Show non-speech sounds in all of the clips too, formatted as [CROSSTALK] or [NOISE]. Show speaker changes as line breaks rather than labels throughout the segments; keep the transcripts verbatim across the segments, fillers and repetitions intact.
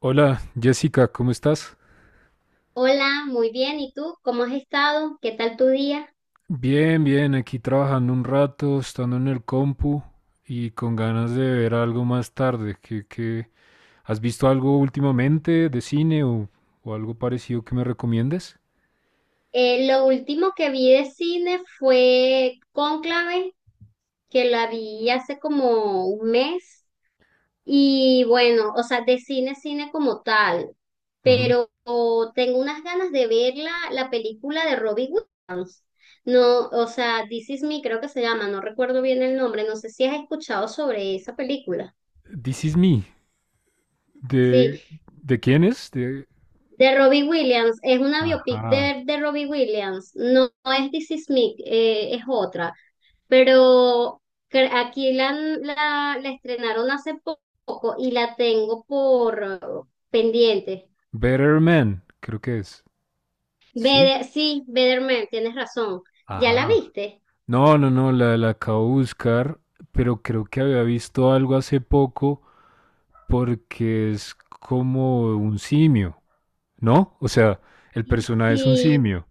Hola, Jessica, ¿cómo estás?
Hola, muy bien. ¿Y tú? ¿Cómo has estado? ¿Qué tal tu día?
Bien, bien, aquí trabajando un rato, estando en el compu y con ganas de ver algo más tarde. ¿Qué, qué- has visto algo últimamente de cine o, o algo parecido que me recomiendes?
Eh, lo último que vi de cine fue Cónclave, que la vi hace como un mes. Y bueno, o sea, de cine, cine como tal.
Ujú.
Pero oh, tengo unas ganas de ver la, la película de Robin Hood. No, o sea, This Is Me creo que se llama, no recuerdo bien el nombre. No sé si has escuchado sobre esa película.
This is Me.
Sí,
¿De, de quién es? De...
de Robbie Williams, es una biopic
Ajá.
de, de Robbie Williams, no, no es This Is Me, eh, es otra, pero cre- aquí la, la, la estrenaron hace poco y la tengo por eh, pendiente.
Better Man, creo que es. Sí.
Bede- sí, Better Man, tienes razón, ¿ya
Ajá.
la viste?
No, no, no, la, la acabo de buscar, pero creo que había visto algo hace poco. Porque es como un simio, ¿no? O sea, el personaje es un
Sí,
simio.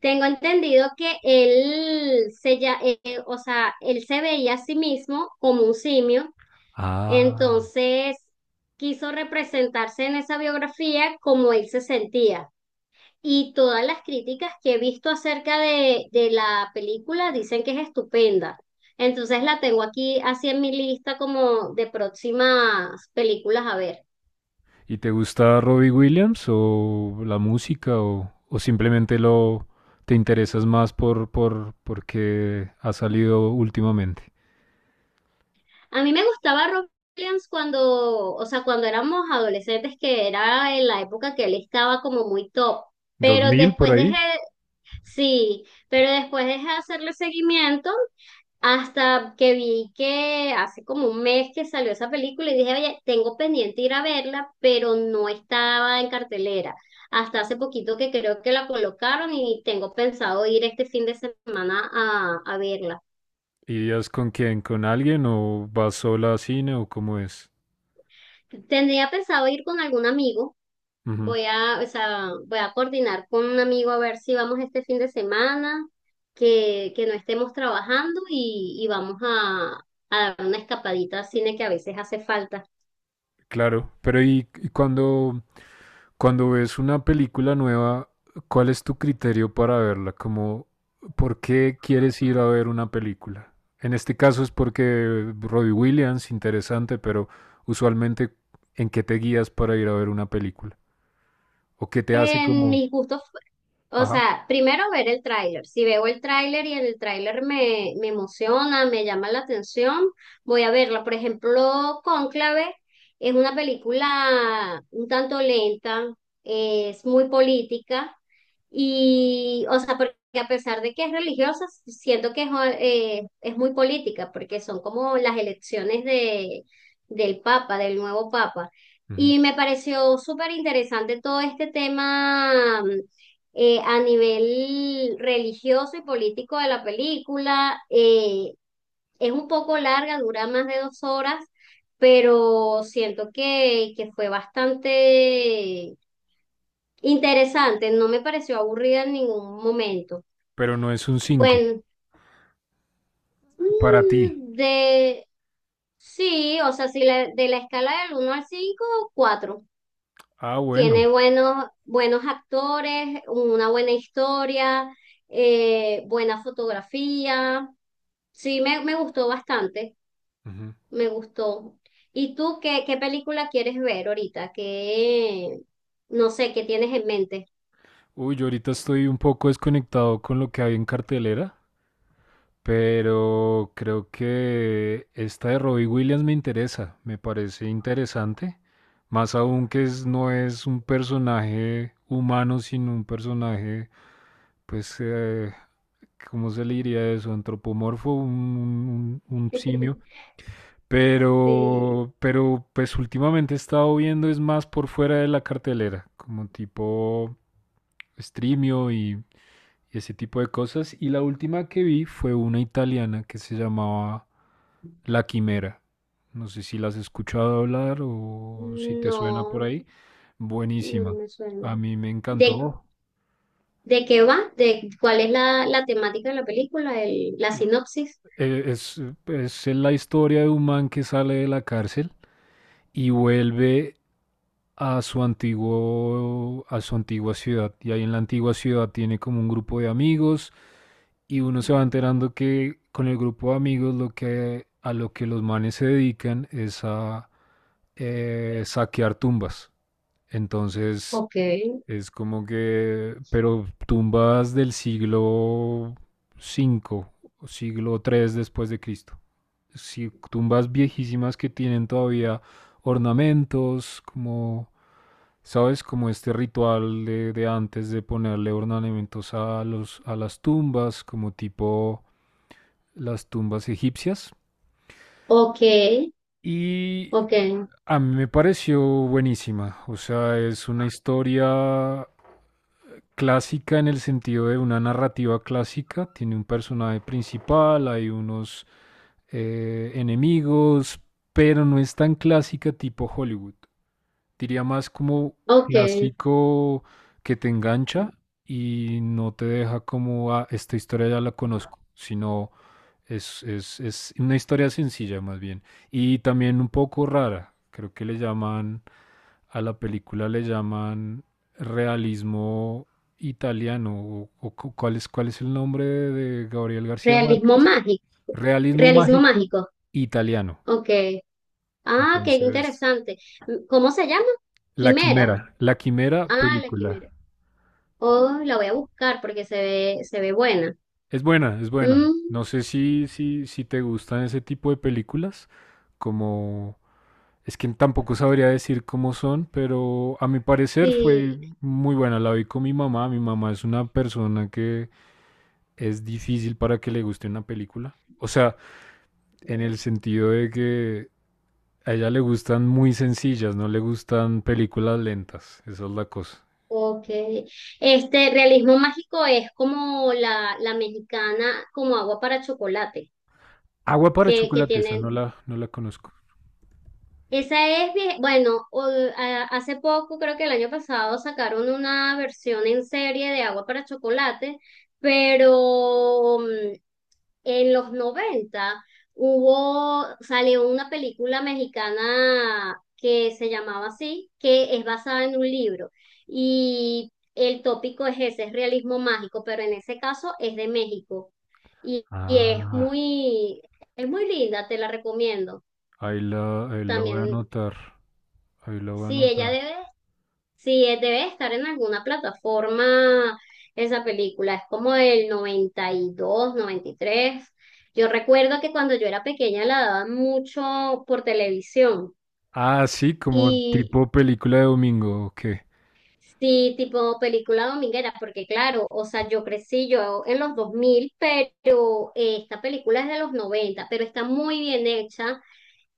tengo entendido que él se, ya, eh, o sea, él se veía a sí mismo como un simio.
Ah.
Entonces, quiso representarse en esa biografía como él se sentía. Y todas las críticas que he visto acerca de, de la película dicen que es estupenda. Entonces la tengo aquí así en mi lista como de próximas películas a ver.
¿Y te gusta Robbie Williams o la música o, o simplemente lo te interesas más por, por porque ha salido últimamente?
A mí me gustaba Rob Williams cuando, o sea, cuando éramos adolescentes, que era en la época que él estaba como muy top.
Dos
Pero
mil por
después
ahí?
dejé, sí, pero después dejé de hacerle seguimiento hasta que vi que hace como un mes que salió esa película y dije, oye, tengo pendiente ir a verla, pero no estaba en cartelera. Hasta hace poquito que creo que la colocaron y tengo pensado ir este fin de semana a, a verla.
¿Irías con quién? ¿Con alguien o vas sola a cine o cómo es?
Tendría pensado ir con algún amigo. Voy a, o sea, voy a coordinar con un amigo a ver si vamos este fin de semana, que, que no estemos trabajando y, y vamos a, a dar una escapadita al cine que a veces hace falta.
Claro, pero y, y cuando, cuando ves una película nueva, ¿cuál es tu criterio para verla? Como, ¿por qué quieres ir a ver una película? En este caso es porque Robbie Williams, interesante, pero usualmente, ¿en qué te guías para ir a ver una película? ¿O qué te hace
En
como,
mis gustos. O
ajá,
sea, primero ver el tráiler. Si veo el tráiler y el tráiler me, me emociona, me llama la atención, voy a verla. Por ejemplo, Cónclave es una película un tanto lenta, es muy política y, o sea, porque a pesar de que es religiosa, siento que es, eh, es muy política, porque son como las elecciones de, del Papa, del nuevo Papa.
ujú,
Y me pareció súper interesante todo este tema eh, a nivel religioso y político de la película. eh, es un poco larga, dura más de dos horas, pero siento que, que fue bastante interesante. No me pareció aburrida en ningún momento.
pero no es un cinco
Bueno,
para ti?
mm, de. Sí, o sea, si la- de la escala del uno al cinco, cuatro.
Ah,
Tiene
bueno.
buenos, buenos actores, una buena historia, eh, buena fotografía. Sí, me, me gustó bastante,
Ujú.
me gustó. ¿Y tú qué, qué película quieres ver ahorita? ¿Qué, no sé, qué tienes en mente?
Uy, yo ahorita estoy un poco desconectado con lo que hay en cartelera. Pero creo que esta de Robbie Williams me interesa, me parece interesante. Más aún que es- no es un personaje humano, sino un personaje, pues, eh, ¿cómo se le diría eso? Antropomorfo, un, un- un simio.
[LAUGHS] Sí,
Pero, pero, pues últimamente he estado viendo es más por fuera de la cartelera, como tipo Streamio y, y ese tipo de cosas. Y la última que vi fue una italiana que se llamaba la Quimera. No sé si las has escuchado hablar o si te suena por
no,
ahí.
no no
Buenísima.
me suena.
A mí me
¿De,
encantó.
de qué va? ¿De cuál es la, la temática de la película? El, la sinopsis.
Eh, Es, es la historia de un man que sale de la cárcel y vuelve a su antiguo, a su antigua ciudad. Y ahí en la antigua ciudad tiene como un grupo de amigos y uno se va enterando que con el grupo de amigos lo que, a lo que los manes se dedican es a eh, saquear tumbas. Entonces,
Ok,
es como que, pero tumbas del siglo cinco o siglo tres después de Cristo. Sí, tumbas viejísimas que tienen todavía ornamentos, como, ¿sabes? Como este ritual de, de antes de ponerle ornamentos a, los, a las tumbas, como tipo las tumbas egipcias,
ok,
y
ok,
a mí me pareció buenísima. O sea, es una historia clásica en el sentido de una narrativa clásica. Tiene un personaje principal, hay unos eh, enemigos, pero no es tan clásica tipo Hollywood. Diría más como
ok.
clásico que te engancha y no te deja como, ah, esta historia ya la conozco, sino es, es, es una historia sencilla más bien. Y también un poco rara. Creo que le llaman, a la película le llaman realismo italiano. O, o cu- ¿cuál es, cuál es el nombre de, de Gabriel García
Realismo
Márquez?
mágico.
Realismo
Realismo
mágico
mágico.
italiano.
Ok. Ah, qué
Entonces,
interesante. ¿Cómo se llama?
La
Quimera.
Quimera. La Quimera,
Ah, la
película.
quimera. Oh, la voy a buscar porque se ve, se ve buena.
Es buena, es buena.
Mm,
No sé si, si, si te gustan ese tipo de películas, como, es que tampoco sabría decir cómo son, pero a mi parecer
sí.
fue muy buena. La vi con mi mamá. Mi mamá es una persona que es difícil para que le guste una película. O sea, en el sentido de que a ella le gustan muy sencillas, no le gustan películas lentas. Esa es la cosa.
Ok. Este realismo mágico es como la, la mexicana, como agua para chocolate,
Agua para
que, que
chocolate, esa no
tienen.
la, no la conozco.
Esa es, vie- bueno, o- a- hace poco, creo que el año pasado, sacaron una versión en serie de Agua para Chocolate, pero mm, en los noventa hubo, salió una película mexicana que se llamaba así, que es basada en un libro. Y el tópico es ese, es realismo mágico, pero en ese caso es de México. Y, y es
Ah,
muy, es muy linda, te la recomiendo.
ahí la, ahí la voy a
También.
anotar. Ahí la voy a
Sí, ella
anotar.
debe, sí, eh, debe estar en alguna plataforma esa película, es como del noventa, noventa y dos, noventa y tres. Yo recuerdo que cuando yo era pequeña la daban mucho por televisión
Ah, sí, como
y,
tipo película de domingo, ¿o qué?
sí, tipo película dominguera, porque claro, o sea, yo crecí yo en los dos mil, pero eh, esta película es de los noventa, pero está muy bien hecha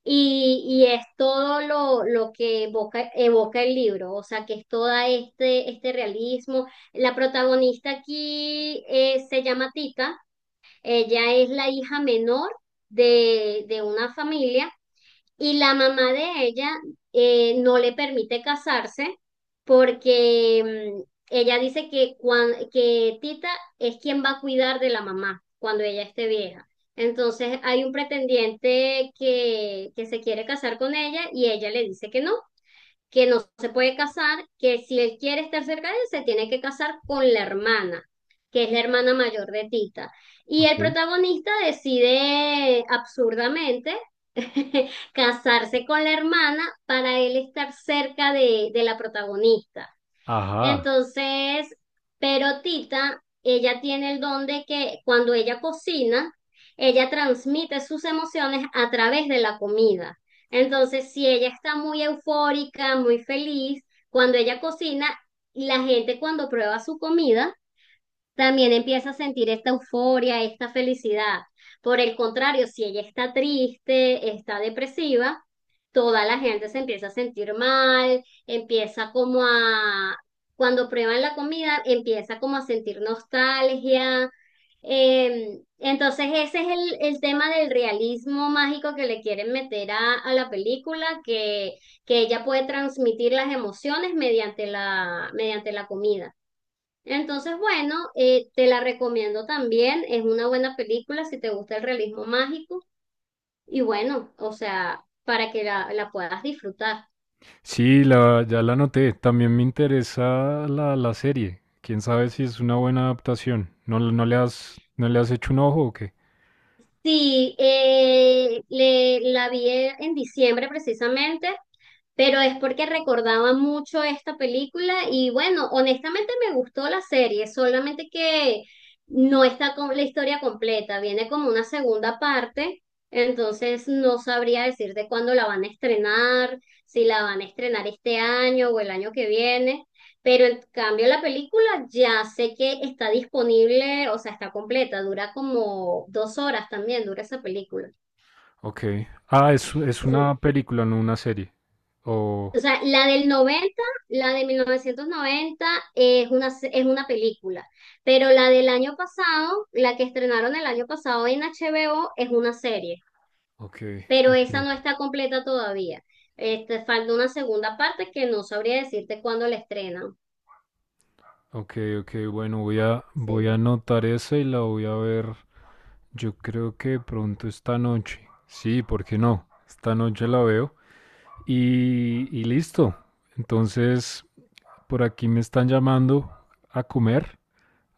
y, y es todo lo, lo que evoca, evoca el libro, o sea, que es todo este, este realismo. La protagonista aquí eh, se llama Tita, ella es la hija menor de, de una familia y la mamá de ella eh, no le permite casarse porque mm, ella dice que, cuan- que Tita es quien va a cuidar de la mamá cuando ella esté vieja. Entonces hay un pretendiente que, que se quiere casar con ella y ella le dice que no, que no se puede casar, que si él quiere estar cerca de él, se tiene que casar con la hermana, que es la hermana mayor de Tita. Y el
Ok.
protagonista decide absurdamente [LAUGHS] casarse con la hermana para él estar cerca de, de la protagonista.
Ajá.
Entonces, pero Tita, ella tiene el don de que cuando ella cocina, ella transmite sus emociones a través de la comida. Entonces, si ella está muy eufórica, muy feliz, cuando ella cocina, la gente cuando prueba su comida, también empieza a sentir esta euforia, esta felicidad. Por el contrario, si ella está triste, está depresiva, toda la gente se empieza a sentir mal, empieza como a, cuando prueban la comida, empieza como a sentir nostalgia. Eh, entonces ese es el, el tema del realismo mágico que le quieren meter a, a la película, que, que ella puede transmitir las emociones mediante la, mediante la comida. Entonces, bueno, eh, te la recomiendo también. Es una buena película si te gusta el realismo mágico. Y bueno, o sea, para que la, la puedas disfrutar.
Sí, la, ya la noté. También me interesa la, la serie. Quién sabe si es una buena adaptación. ¿No, no le has, no le has hecho un ojo o qué?
Sí, eh, le, la vi en diciembre precisamente, pero es porque recordaba mucho esta película y bueno, honestamente me gustó la serie, solamente que no está con la historia completa, viene como una segunda parte, entonces no sabría decirte cuándo la van a estrenar, si la van a estrenar este año o el año que viene. Pero en cambio la película ya sé que está disponible, o sea, está completa, dura como dos horas también, dura esa película.
Ok. Ah, es, es
Sí,
una película, no una serie.
o
Oh,
sea, la del noventa, la de mil novecientos noventa es una, es una, película, pero la del año pasado, la que estrenaron el año pasado en H B O es una serie,
ok.
pero
Ok,
esa no está completa todavía. Este, falta una segunda parte que no sabría decirte cuándo la estrenan.
ok, ok, bueno, voy a,
Sí.
voy a anotar esa y la voy a ver. Yo creo que pronto esta noche. Sí, ¿por qué no? Esta noche la veo. Y, y listo. Entonces, por aquí me están llamando a comer.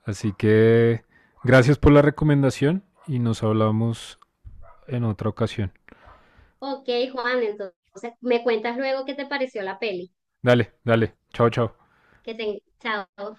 Así que gracias por la recomendación y nos hablamos en otra ocasión.
Ok, Juan, entonces me cuentas luego qué te pareció la peli.
Dale, dale. Chao, chao.
Que te, chao.